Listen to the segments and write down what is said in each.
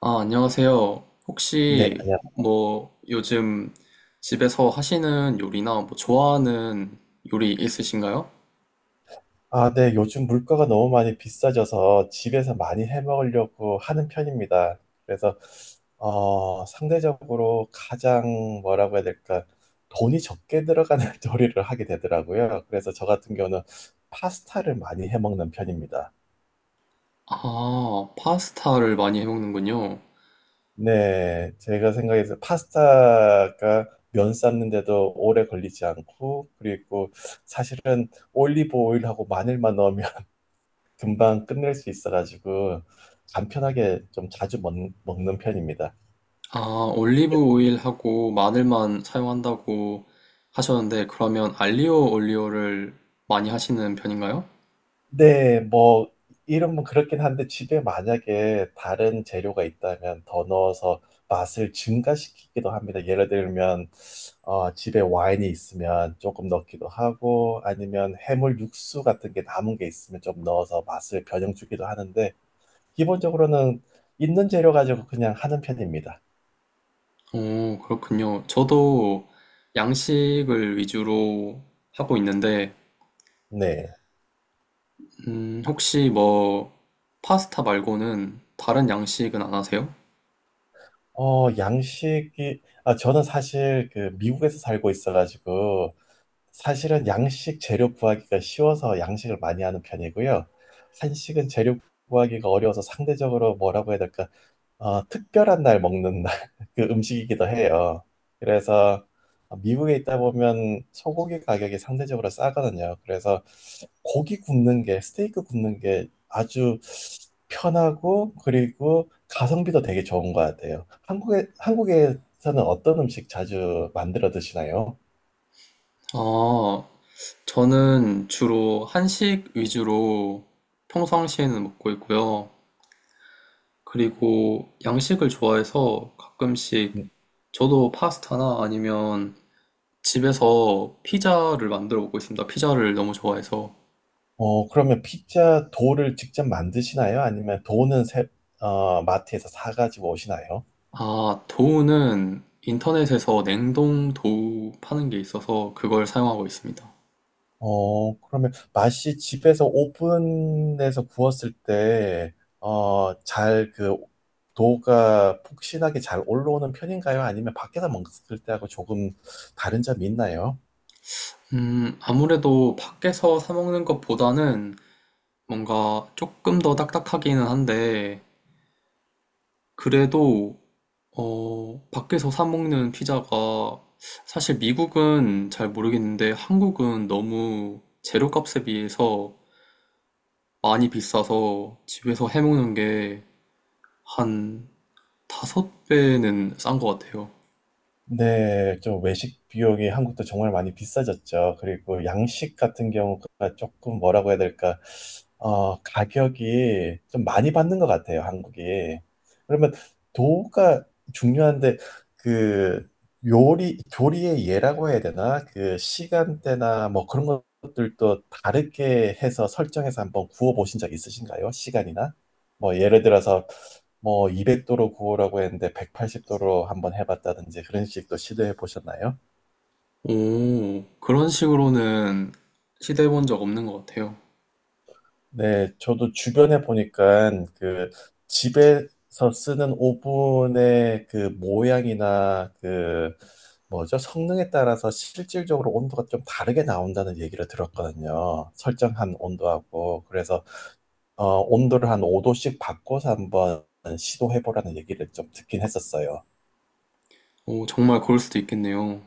아, 안녕하세요. 네, 혹시 안녕. 뭐 요즘 집에서 하시는 요리나 뭐 좋아하는 요리 있으신가요? 아, 네, 요즘 물가가 너무 많이 비싸져서 집에서 많이 해 먹으려고 하는 편입니다. 그래서, 상대적으로 가장 뭐라고 해야 될까, 돈이 적게 들어가는 요리를 하게 되더라고요. 그래서 저 같은 경우는 파스타를 많이 해 먹는 편입니다. 아, 파스타를 많이 해먹는군요. 네, 제가 생각해서 파스타가 면 삶는데도 오래 걸리지 않고, 그리고 사실은 올리브 오일하고 마늘만 넣으면 금방 끝낼 수 있어가지고 간편하게 좀 자주 먹는 편입니다. 아, 올리브 오일하고 마늘만 사용한다고 하셨는데 그러면 알리오 올리오를 많이 하시는 편인가요? 네, 뭐 이름은 그렇긴 한데 집에 만약에 다른 재료가 있다면 더 넣어서 맛을 증가시키기도 합니다. 예를 들면 집에 와인이 있으면 조금 넣기도 하고 아니면 해물 육수 같은 게 남은 게 있으면 좀 넣어서 맛을 변형 주기도 하는데 기본적으로는 있는 재료 가지고 그냥 하는 편입니다. 오, 그렇군요. 저도 양식을 위주로 하고 있는데 네. 혹시 뭐 파스타 말고는 다른 양식은 안 하세요? 저는 사실 그 미국에서 살고 있어가지고, 사실은 양식 재료 구하기가 쉬워서 양식을 많이 하는 편이고요. 한식은 재료 구하기가 어려워서 상대적으로 뭐라고 해야 될까, 특별한 날 먹는 날, 그 음식이기도 해요. 그래서 미국에 있다 보면 소고기 가격이 상대적으로 싸거든요. 그래서 고기 굽는 게, 스테이크 굽는 게 아주 편하고 그리고 가성비도 되게 좋은 것 같아요. 한국에서는 어떤 음식 자주 만들어 드시나요? 아, 저는 주로 한식 위주로 평상시에는 먹고 있고요. 그리고 양식을 좋아해서 가끔씩 음, 저도 파스타나 아니면 집에서 피자를 만들어 먹고 있습니다. 피자를 너무 좋아해서. 어, 그러면 피자 도를 직접 만드시나요? 아니면 어, 마트에서 사가지고 오시나요? 아, 도우는 인터넷에서 냉동 도우 파는 게 있어서 그걸 사용하고 있습니다. 어, 그러면 맛이 집에서 오븐에서 구웠을 때, 어, 잘 그 도가 폭신하게 잘 올라오는 편인가요? 아니면 밖에서 먹을 때하고 조금 다른 점이 있나요? 아무래도 밖에서 사 먹는 것보다는 뭔가 조금 더 딱딱하기는 한데, 그래도, 밖에서 사 먹는 피자가 사실 미국은 잘 모르겠는데 한국은 너무 재료값에 비해서 많이 비싸서 집에서 해 먹는 게 한 다섯 배는 싼 것 같아요. 네, 좀 외식 비용이 한국도 정말 많이 비싸졌죠. 그리고 양식 같은 경우가 조금 뭐라고 해야 될까, 가격이 좀 많이 받는 것 같아요, 한국이. 그러면 도우가 중요한데, 그 요리, 조리의 예라고 해야 되나? 그 시간대나 뭐 그런 것들도 다르게 해서 설정해서 한번 구워보신 적 있으신가요? 시간이나? 뭐 예를 들어서 뭐 200도로 구우라고 했는데 180도로 한번 해봤다든지 그런 식도 시도해 보셨나요? 오, 그런 식으로는 시도해 본 적 없는 것 같아요. 네, 저도 주변에 보니까 그 집에서 쓰는 오븐의 그 모양이나 그 뭐죠? 성능에 따라서 실질적으로 온도가 좀 다르게 나온다는 얘기를 들었거든요. 설정한 온도하고. 그래서 어, 온도를 한 5도씩 바꿔서 한번 시도해 보라는 얘기를 좀 듣긴 했었어요. 오, 정말 그럴 수도 있겠네요.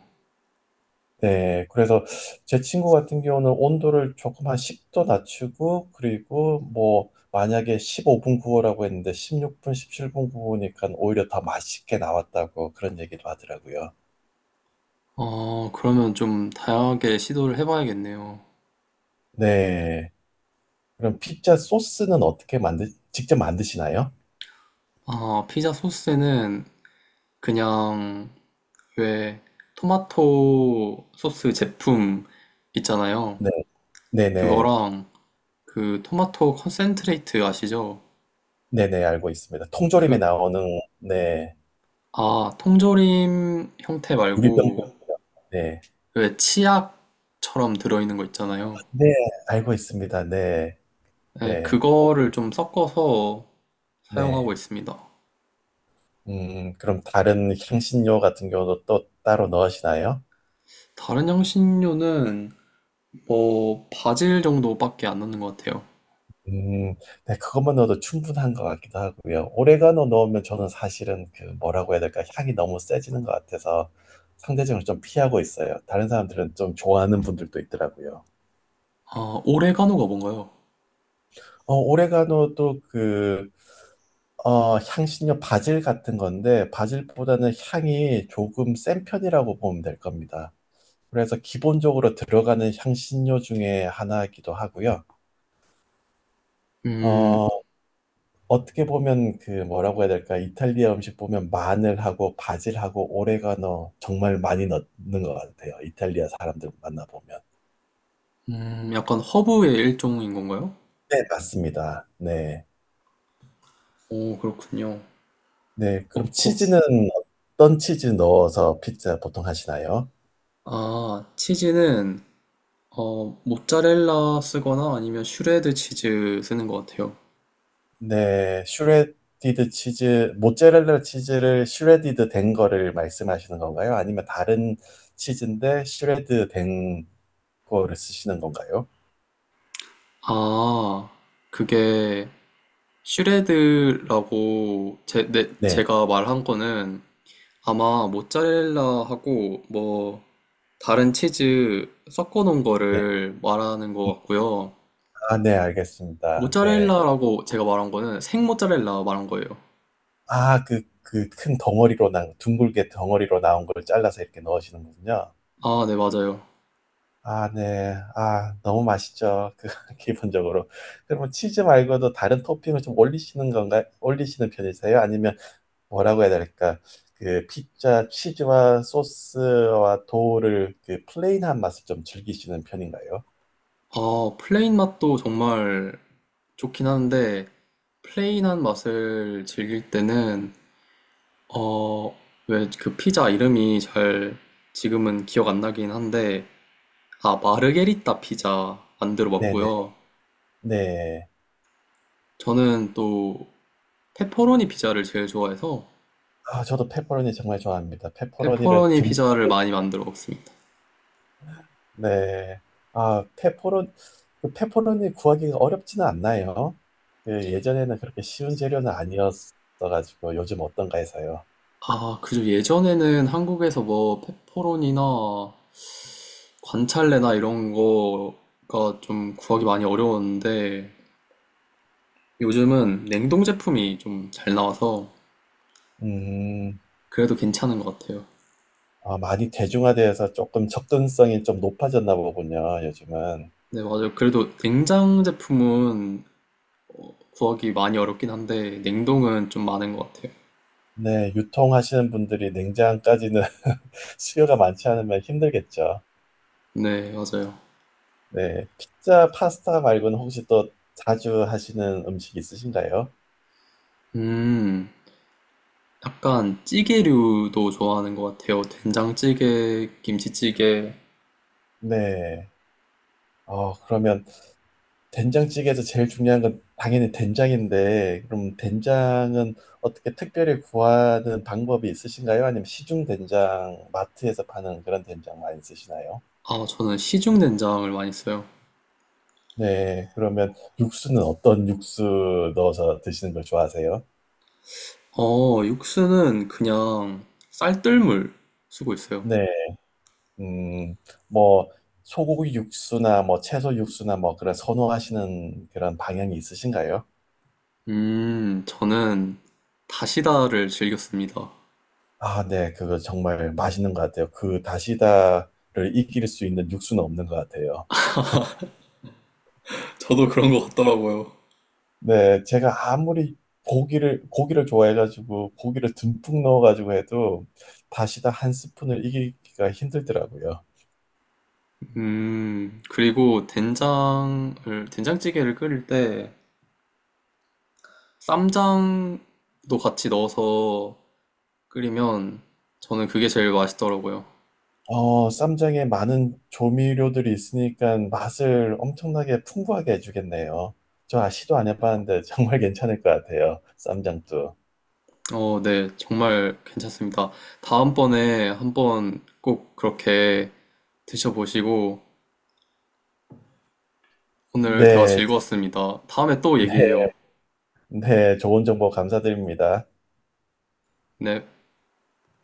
네, 그래서 제 친구 같은 경우는 온도를 조금 한 10도 낮추고, 그리고 뭐, 만약에 15분 구워라고 했는데 16분, 17분 구우니까 오히려 더 맛있게 나왔다고 그런 얘기도 하더라고요. 그러면 좀 다양하게 시도를 해봐야겠네요. 네. 그럼 피자 소스는 직접 만드시나요? 아, 피자 소스에는 그냥 왜 토마토 소스 제품 있잖아요. 네, 네네. 그거랑 그 토마토 컨센트레이트 아시죠? 네네, 알고 있습니다. 통조림에 그, 나오는, 네, 아, 통조림 형태 유리병도 말고 있죠. 네. 왜 치약처럼 들어있는 거 있잖아요. 네, 알고 있습니다. 네, 네, 네. 그거를 좀 섞어서 사용하고 네. 있습니다. 그럼 다른 향신료 같은 경우도 또 따로 넣으시나요? 다른 향신료는 뭐 바질 정도밖에 안 넣는 것 같아요. 음, 네, 그것만 넣어도 충분한 것 같기도 하고요. 오레가노 넣으면 저는 사실은 그 뭐라고 해야 될까 향이 너무 세지는 것 같아서 상대적으로 좀 피하고 있어요. 다른 사람들은 좀 좋아하는 분들도 있더라고요. 아, 오레가노가 뭔가요? 어, 오레가노도 그 어, 향신료 바질 같은 건데 바질보다는 향이 조금 센 편이라고 보면 될 겁니다. 그래서 기본적으로 들어가는 향신료 중에 하나이기도 하고요. 음, 어, 어떻게 보면 그 뭐라고 해야 될까? 이탈리아 음식 보면 마늘하고 바질하고 오레가노 정말 많이 넣는 것 같아요. 이탈리아 사람들 만나보면. 약간 허브의 일종인 건가요? 네, 맞습니다. 네. 오, 그렇군요. 네, 어, 그럼 거, 치- 치즈는 어떤 치즈 넣어서 피자 보통 하시나요? 아, 치즈는, 모짜렐라 쓰거나 아니면 슈레드 치즈 쓰는 것 같아요. 네, 슈레디드 치즈, 모짜렐라 치즈를 슈레디드 된 거를 말씀하시는 건가요? 아니면 다른 치즈인데 슈레드 된 거를 쓰시는 건가요? 아, 그게 슈레드라고 네, 네, 제가 말한 거는 아마 모짜렐라하고 뭐 다른 치즈 섞어 놓은 네. 거를 말하는 것 같고요. 아, 네, 알겠습니다. 네. 모짜렐라라고 제가 말한 거는 생 모짜렐라 말한 거예요. 그 큰 덩어리로 둥글게 덩어리로 나온 걸 잘라서 이렇게 넣으시는 거군요. 아, 네, 맞아요. 아, 네. 아, 너무 맛있죠. 그, 기본적으로. 그러면 치즈 말고도 다른 토핑을 좀 올리시는 건가요? 올리시는 편이세요? 아니면 뭐라고 해야 될까? 그 피자 치즈와 소스와 도우를 그 플레인한 맛을 좀 즐기시는 편인가요? 아, 플레인 맛도 정말 좋긴 한데, 플레인한 맛을 즐길 때는, 어, 왜 그 피자 이름이 잘 지금은 기억 안 나긴 한데, 아, 마르게리따 피자 안 네네. 들어봤고요. 네. 저는 또 페퍼로니 피자를 제일 좋아해서, 아, 저도 페퍼로니 정말 좋아합니다. 페퍼로니를 페퍼로니 듬뿍 피자를 많이 만들어 먹습니다. 네. 아, 페퍼론, 그 페퍼론이 구하기가 어렵지는 않나요? 예, 예전에는 그렇게 쉬운 재료는 아니었어가지고 요즘 어떤가 해서요. 아, 그죠. 예전에는 한국에서 뭐 페퍼로니나 관찰래나 이런 거가 좀 구하기 많이 어려웠는데 요즘은 냉동 제품이 좀 잘 나와서 음, 그래도 괜찮은 것 같아요. 아, 많이 대중화되어서 조금 접근성이 좀 높아졌나 보군요, 요즘은. 네, 맞아요. 그래도 냉장 제품은 구하기 많이 어렵긴 한데 냉동은 좀 많은 것 같아요. 네, 유통하시는 분들이 냉장까지는 수요가 많지 않으면 힘들겠죠. 네, 맞아요. 네, 피자, 파스타 말고는 혹시 또 자주 하시는 음식 있으신가요? 음, 약간 찌개류도 좋아하는 것 같아요. 된장찌개, 김치찌개. 네. 어, 그러면 된장찌개에서 제일 중요한 건 당연히 된장인데, 그럼 된장은 어떻게 특별히 구하는 방법이 있으신가요? 아니면 시중 된장, 마트에서 파는 그런 된장 많이 쓰시나요? 아, 저는 시중 된장을 많이 써요. 네, 그러면 육수는 어떤 육수 넣어서 드시는 걸 좋아하세요? 육수는 그냥 쌀뜨물 쓰고 있어요. 네, 음, 뭐, 소고기 육수나 뭐 채소 육수나 뭐 그런 선호하시는 그런 방향이 있으신가요? 저는 다시다를 즐겼습니다. 아, 네, 그거 정말 맛있는 것 같아요. 그 다시다를 이길 수 있는 육수는 없는 것 같아요. 저도 그런 것 같더라고요. 네, 제가 아무리 고기를 좋아해가지고 고기를 듬뿍 넣어가지고 해도 다시다 한 스푼을 이기기가 힘들더라고요. 그리고 된장을, 된장찌개를 끓일 때 쌈장도 같이 넣어서 끓이면 저는 그게 제일 맛있더라고요. 어, 쌈장에 많은 조미료들이 있으니까 맛을 엄청나게 풍부하게 해주겠네요. 저 시도 안 해봤는데 정말 괜찮을 것 같아요. 쌈장도. 네, 정말 괜찮습니다. 다음번에 한번 꼭 그렇게 드셔보시고 오늘 대화 네, 즐거웠습니다. 다음에 또 네, 얘기해요. 네, 좋은 정보 감사드립니다. 네.